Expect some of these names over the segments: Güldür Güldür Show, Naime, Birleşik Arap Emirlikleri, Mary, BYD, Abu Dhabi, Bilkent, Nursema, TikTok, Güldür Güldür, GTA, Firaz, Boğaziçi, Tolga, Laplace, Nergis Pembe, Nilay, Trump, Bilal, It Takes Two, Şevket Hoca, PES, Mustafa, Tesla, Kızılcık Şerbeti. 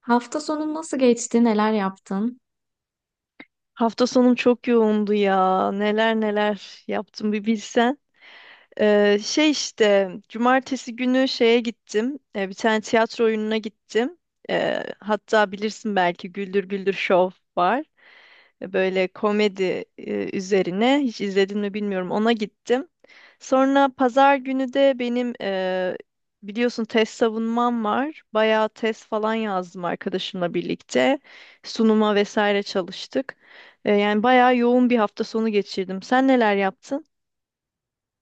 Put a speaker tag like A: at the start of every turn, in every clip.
A: Hafta sonun nasıl geçti? Neler yaptın?
B: Hafta sonum çok yoğundu ya. Neler neler yaptım bir bilsen. Şey işte cumartesi günü şeye gittim. Bir tane tiyatro oyununa gittim. Hatta bilirsin belki Güldür Güldür Show var böyle komedi üzerine. Hiç izledin mi bilmiyorum. Ona gittim. Sonra pazar günü de benim biliyorsun test savunmam var. Bayağı test falan yazdım arkadaşımla birlikte. Sunuma vesaire çalıştık. Yani bayağı yoğun bir hafta sonu geçirdim. Sen neler yaptın?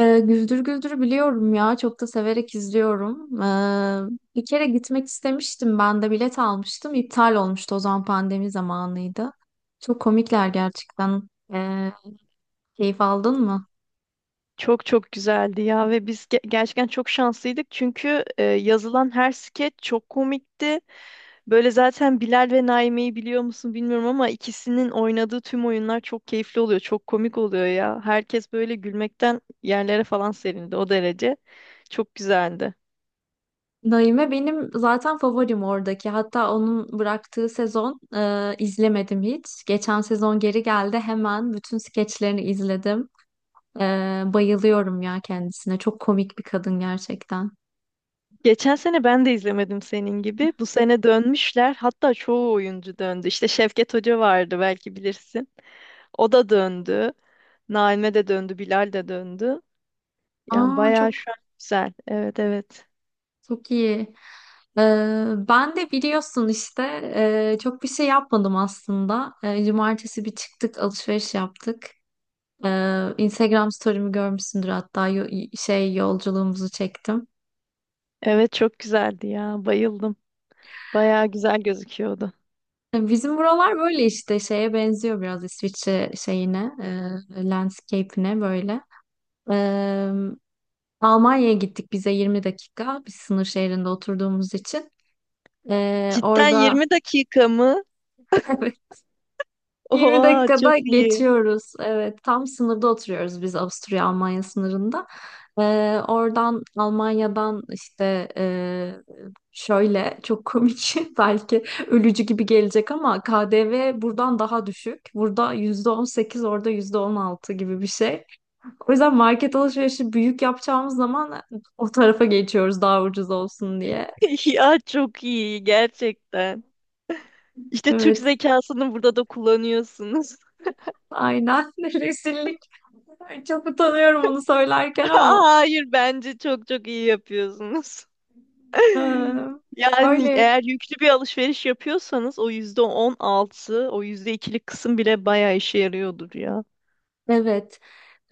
A: Güldür Güldür biliyorum ya. Çok da severek izliyorum. Bir kere gitmek istemiştim. Ben de bilet almıştım. İptal olmuştu. O zaman pandemi zamanıydı. Çok komikler gerçekten. Ee, keyif aldın mı?
B: Çok çok güzeldi ya ve biz gerçekten çok şanslıydık çünkü yazılan her skeç çok komikti. Böyle zaten Bilal ve Naime'yi biliyor musun bilmiyorum ama ikisinin oynadığı tüm oyunlar çok keyifli oluyor. Çok komik oluyor ya. Herkes böyle gülmekten yerlere falan serildi o derece. Çok güzeldi.
A: Naime benim zaten favorim oradaki. Hatta onun bıraktığı sezon izlemedim hiç. Geçen sezon geri geldi. Hemen bütün skeçlerini izledim. Bayılıyorum ya kendisine. Çok komik bir kadın gerçekten.
B: Geçen sene ben de izlemedim senin gibi. Bu sene dönmüşler. Hatta çoğu oyuncu döndü. İşte Şevket Hoca vardı belki bilirsin. O da döndü. Naime de döndü. Bilal de döndü. Yani
A: Aa,
B: bayağı
A: çok
B: şu an güzel. Evet, evet.
A: çok iyi. Ben de biliyorsun işte çok bir şey yapmadım aslında. Cumartesi bir çıktık, alışveriş yaptık. Instagram story'mi görmüşsündür hatta, yolculuğumuzu çektim.
B: Evet, çok güzeldi ya. Bayıldım. Bayağı güzel gözüküyordu.
A: Bizim buralar böyle işte şeye benziyor, biraz İsviçre şeyine, landscape'ine böyle. E, Almanya'ya gittik, bize 20 dakika. Biz sınır şehrinde oturduğumuz için.
B: Cidden
A: Orada
B: 20 dakika mı?
A: 20
B: Oha, çok
A: dakikada
B: iyi.
A: geçiyoruz. Evet, tam sınırda oturuyoruz biz, Avusturya-Almanya sınırında. Oradan Almanya'dan işte şöyle çok komik, belki ölücü gibi gelecek ama KDV buradan daha düşük. Burada %18, orada %16 gibi bir şey. O yüzden market alışverişi büyük yapacağımız zaman o tarafa geçiyoruz, daha ucuz olsun diye.
B: Ya çok iyi gerçekten. İşte Türk
A: Evet,
B: zekasını burada da kullanıyorsunuz.
A: aynen, rezillik. Çok utanıyorum onu söylerken, ama
B: Hayır, bence çok çok iyi yapıyorsunuz.
A: Ee,
B: Yani
A: öyle.
B: eğer yüklü bir alışveriş yapıyorsanız o yüzde 16, o yüzde ikilik kısım bile bayağı işe yarıyordur ya.
A: Evet,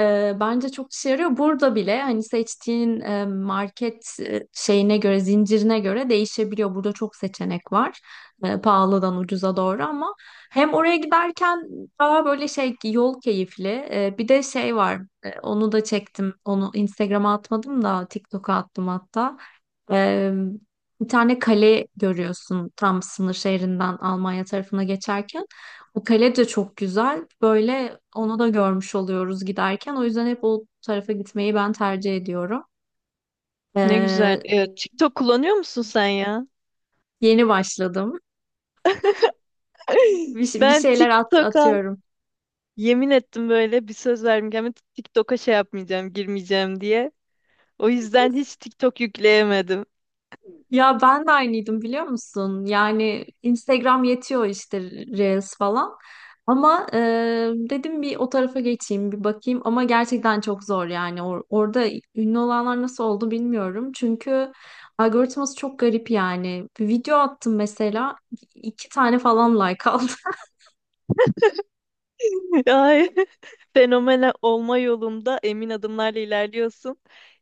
A: bence çok işe yarıyor. Burada bile hani seçtiğin market şeyine göre, zincirine göre değişebiliyor. Burada çok seçenek var. Pahalıdan ucuza doğru, ama hem oraya giderken daha böyle yol keyifli. Bir de şey var. Onu da çektim. Onu Instagram'a atmadım da TikTok'a attım hatta. E, bir tane kale görüyorsun, tam sınır şehrinden Almanya tarafına geçerken. O kale de çok güzel. Böyle onu da görmüş oluyoruz giderken. O yüzden hep o tarafa gitmeyi ben tercih ediyorum.
B: Ne güzel.
A: Ee,
B: TikTok kullanıyor musun sen ya?
A: yeni başladım. Bir
B: Ben
A: şeyler at,
B: TikTok'a
A: atıyorum.
B: yemin ettim, böyle bir söz verdim. Ama TikTok'a şey yapmayacağım, girmeyeceğim diye. O yüzden hiç TikTok yükleyemedim.
A: Ya, ben de aynıydım biliyor musun? Yani Instagram yetiyor işte, Reels falan. Ama dedim bir o tarafa geçeyim, bir bakayım, ama gerçekten çok zor yani. Orada ünlü olanlar nasıl oldu bilmiyorum. Çünkü algoritması çok garip yani. Bir video attım mesela, iki tane falan like aldı.
B: Ay, fenomen olma yolunda emin adımlarla ilerliyorsun.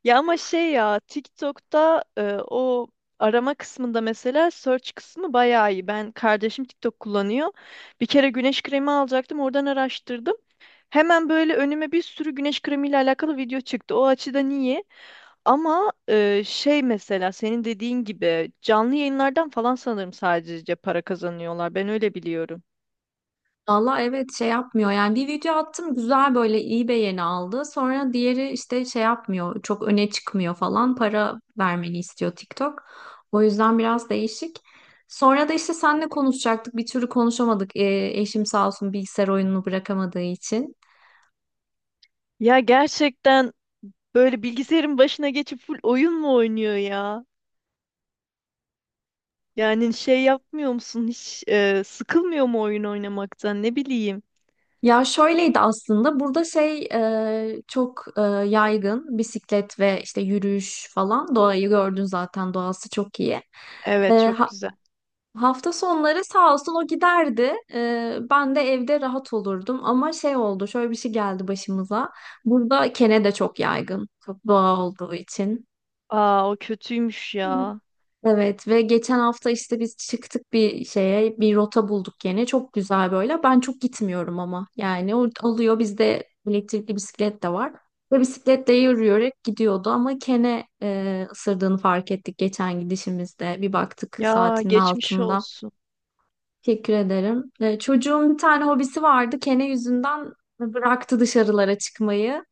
B: Ya ama şey ya, TikTok'ta o arama kısmında, mesela search kısmı bayağı iyi. Ben kardeşim TikTok kullanıyor. Bir kere güneş kremi alacaktım, oradan araştırdım. Hemen böyle önüme bir sürü güneş kremiyle alakalı video çıktı. O açıdan iyi. Ama şey, mesela senin dediğin gibi canlı yayınlardan falan sanırım sadece para kazanıyorlar. Ben öyle biliyorum.
A: Valla evet, şey yapmıyor yani. Bir video attım, güzel böyle iyi beğeni aldı, sonra diğeri işte şey yapmıyor, çok öne çıkmıyor falan, para vermeni istiyor TikTok. O yüzden biraz değişik. Sonra da işte seninle konuşacaktık, bir türlü konuşamadık. Eşim sağ olsun, bilgisayar oyununu bırakamadığı için.
B: Ya gerçekten böyle bilgisayarın başına geçip full oyun mu oynuyor ya? Yani şey yapmıyor musun? Hiç sıkılmıyor mu oyun oynamaktan? Ne bileyim.
A: Ya şöyleydi aslında, burada çok yaygın bisiklet ve işte yürüyüş falan. Doğayı gördün zaten, doğası çok iyi. E,
B: Evet, çok
A: ha-
B: güzel.
A: Hafta sonları sağ olsun o giderdi. Ben de evde rahat olurdum. Ama şey oldu, şöyle bir şey geldi başımıza. Burada kene de çok yaygın, çok doğa olduğu için.
B: Aa, o kötüymüş
A: Hı.
B: ya.
A: Evet, ve geçen hafta işte biz çıktık bir şeye, bir rota bulduk yine. Çok güzel böyle. Ben çok gitmiyorum ama. Yani o alıyor, bizde elektrikli bisiklet de var. Ve bisikletle yürüyerek gidiyordu, ama kene ısırdığını fark ettik geçen gidişimizde. Bir baktık,
B: Ya
A: saatinin
B: geçmiş
A: altında.
B: olsun.
A: Teşekkür ederim. Çocuğun bir tane hobisi vardı. Kene yüzünden bıraktı dışarılara çıkmayı.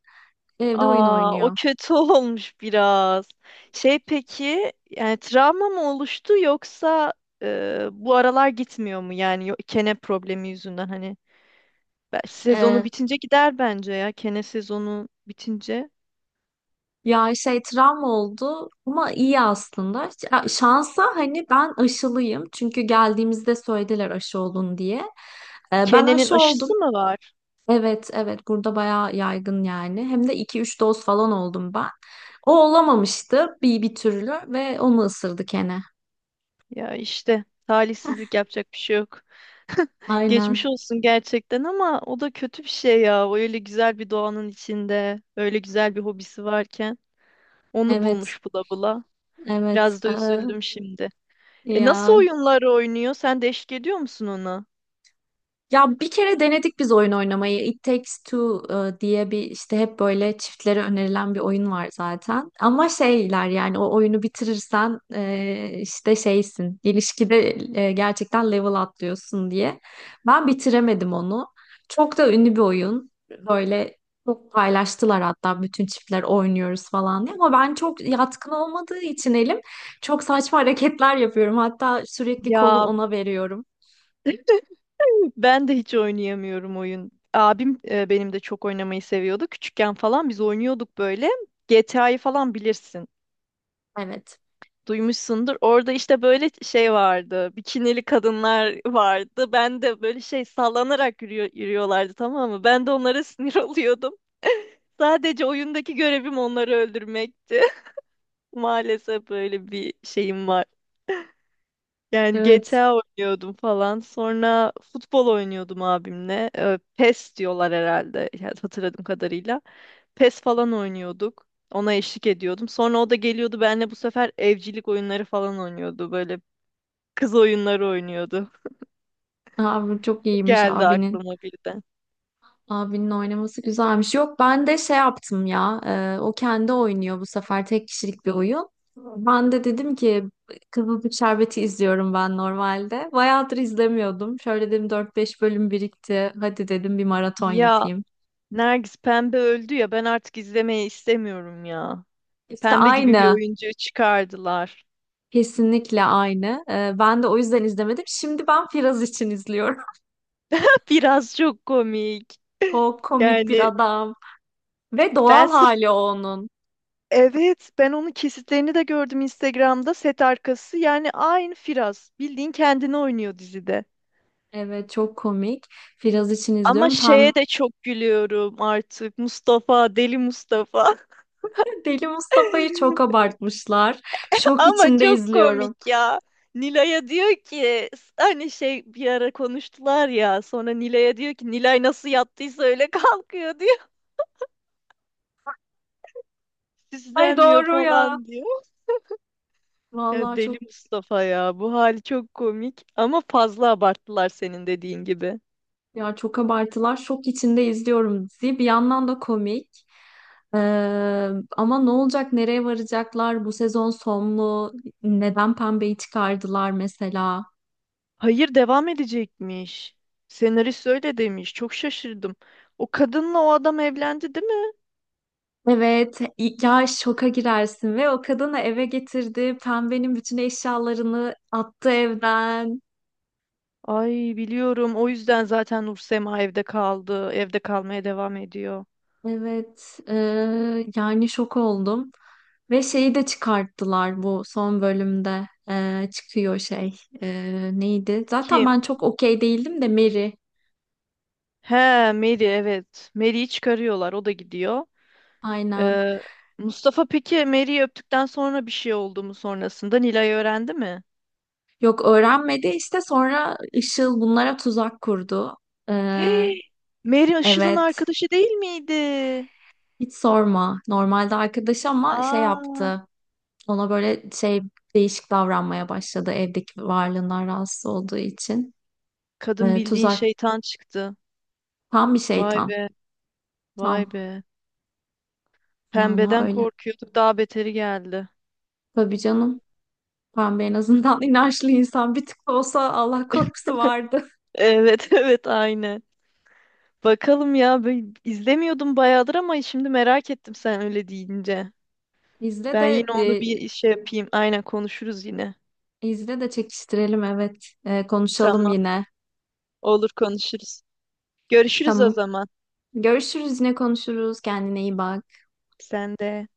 A: Evde oyun
B: Aa, o
A: oynuyor.
B: kötü olmuş biraz. Şey peki, yani travma mı oluştu, yoksa bu aralar gitmiyor mu? Yani kene problemi yüzünden, hani sezonu
A: Ee,
B: bitince gider bence ya. Kene sezonu bitince.
A: ya travma oldu, ama iyi aslında. Ya şansa, hani ben aşılıyım. Çünkü geldiğimizde söylediler aşı olun diye. Ben
B: Kenenin
A: aşı oldum.
B: aşısı mı var?
A: Evet, evet, burada bayağı yaygın yani. Hem de iki üç doz falan oldum ben. O olamamıştı bir türlü, ve onu ısırdı kene.
B: Ya işte, talihsizlik, yapacak bir şey yok. Geçmiş
A: Aynen.
B: olsun gerçekten ama o da kötü bir şey ya. O öyle güzel bir doğanın içinde, öyle güzel bir hobisi varken onu
A: Evet.
B: bulmuş bula bula.
A: Evet.
B: Biraz da üzüldüm şimdi. Nasıl
A: Ya
B: oyunlar oynuyor? Sen de eşlik ediyor musun ona?
A: Ya bir kere denedik biz oyun oynamayı. It Takes Two diye bir, işte hep böyle çiftlere önerilen bir oyun var zaten. Ama şeyler, yani o oyunu bitirirsen işte şeysin. İlişkide gerçekten level atlıyorsun diye. Ben bitiremedim onu. Çok da ünlü bir oyun. Böyle çok paylaştılar hatta, bütün çiftler oynuyoruz falan diye. Ama ben çok yatkın olmadığı için, elim çok saçma hareketler yapıyorum. Hatta sürekli kolu
B: Ya
A: ona veriyorum.
B: ben de hiç oynayamıyorum oyun. Abim benim de çok oynamayı seviyordu. Küçükken falan biz oynuyorduk böyle. GTA'yı falan bilirsin.
A: Evet.
B: Duymuşsundur. Orada işte böyle şey vardı. Bikinili kadınlar vardı. Ben de böyle şey sallanarak yürüyorlardı, tamam mı? Ben de onlara sinir oluyordum. Sadece oyundaki görevim onları öldürmekti. Maalesef böyle bir şeyim var. Yani
A: Evet.
B: GTA oynuyordum falan. Sonra futbol oynuyordum abimle. PES diyorlar herhalde, yani hatırladığım kadarıyla. PES falan oynuyorduk. Ona eşlik ediyordum. Sonra o da geliyordu benimle, bu sefer evcilik oyunları falan oynuyordu. Böyle kız oyunları oynuyordu.
A: Abi çok iyiymiş
B: Geldi
A: abinin.
B: aklıma birden.
A: Abinin oynaması güzelmiş. Yok, ben de şey yaptım ya. O kendi oynuyor bu sefer, tek kişilik bir oyun. Ben de dedim ki, Kızılcık Şerbeti izliyorum ben normalde. Bayağıdır izlemiyordum. Şöyle dedim, dört beş bölüm birikti. Hadi dedim, bir maraton
B: Ya
A: yapayım.
B: Nergis, Pembe öldü ya, ben artık izlemeyi istemiyorum ya.
A: İşte
B: Pembe gibi bir
A: aynı.
B: oyuncu çıkardılar.
A: Kesinlikle aynı. Ben de o yüzden izlemedim. Şimdi ben Firaz için izliyorum.
B: Biraz çok komik.
A: Çok komik bir
B: Yani
A: adam. Ve
B: ben
A: doğal
B: sırf
A: hali o onun.
B: evet, ben onun kesitlerini de gördüm Instagram'da, set arkası. Yani aynı Firaz. Bildiğin kendini oynuyor dizide.
A: Evet, çok komik. Firaz için
B: Ama
A: izliyorum. Pembe...
B: şeye de çok gülüyorum artık. Mustafa, deli Mustafa.
A: Deli Mustafa'yı çok abartmışlar. Şok
B: Ama
A: içinde
B: çok
A: izliyorum.
B: komik ya. Nilay'a diyor ki, hani şey bir ara konuştular ya, sonra Nilay'a diyor ki, Nilay nasıl yattıysa öyle kalkıyor diyor.
A: Ay
B: Süslenmiyor
A: doğru ya.
B: falan diyor. Ya
A: Vallahi
B: deli
A: çok...
B: Mustafa ya, bu hali çok komik ama fazla abarttılar, senin dediğin gibi.
A: ya çok abartılar. Şok içinde izliyorum dizi. Bir yandan da komik. Ee, ama ne olacak? Nereye varacaklar? Bu sezon son mu? Neden Pembe'yi çıkardılar mesela?
B: Hayır, devam edecekmiş. Senarist öyle demiş. Çok şaşırdım. O kadınla o adam evlendi değil mi?
A: Evet, ya, şoka girersin, ve o kadını eve getirdi. Pembenin bütün eşyalarını attı evden.
B: Ay, biliyorum. O yüzden zaten Nursema evde kaldı. Evde kalmaya devam ediyor.
A: Evet, yani şok oldum. Ve şeyi de çıkarttılar bu son bölümde, çıkıyor neydi? Zaten
B: Kim?
A: ben çok okey değildim de, Mary,
B: He, Mary, evet. Mary'yi çıkarıyorlar. O da gidiyor.
A: aynen.
B: Ee, Mustafa peki Mary'yi öptükten sonra bir şey oldu mu sonrasında? Nilay öğrendi mi?
A: Yok öğrenmedi işte, sonra Işıl bunlara tuzak kurdu. Eee,
B: Hey! Mary Işıl'ın
A: evet,
B: arkadaşı değil miydi?
A: hiç sorma, normalde arkadaş ama şey
B: Aa,
A: yaptı ona, böyle şey, değişik davranmaya başladı, evdeki varlığından rahatsız olduğu için.
B: kadın
A: Eee,
B: bildiğin
A: tuzak
B: şeytan çıktı.
A: tam bir
B: Vay
A: şeytan,
B: be, vay
A: tam.
B: be.
A: Vallahi
B: Pembeden
A: öyle.
B: korkuyorduk. Daha beteri geldi.
A: Tabii canım. Ben de en azından inançlı insan, bir tık da olsa Allah korkusu vardı.
B: Evet, evet, aynen. Bakalım ya, ben izlemiyordum bayağıdır ama şimdi merak ettim sen öyle deyince.
A: İzle
B: Ben yine
A: de,
B: onu bir şey yapayım. Aynen, konuşuruz yine.
A: izle de çekiştirelim, evet. Konuşalım
B: Tamam,
A: yine.
B: olur, konuşuruz. Görüşürüz o
A: Tamam.
B: zaman.
A: Görüşürüz, yine konuşuruz. Kendine iyi bak.
B: Sen de.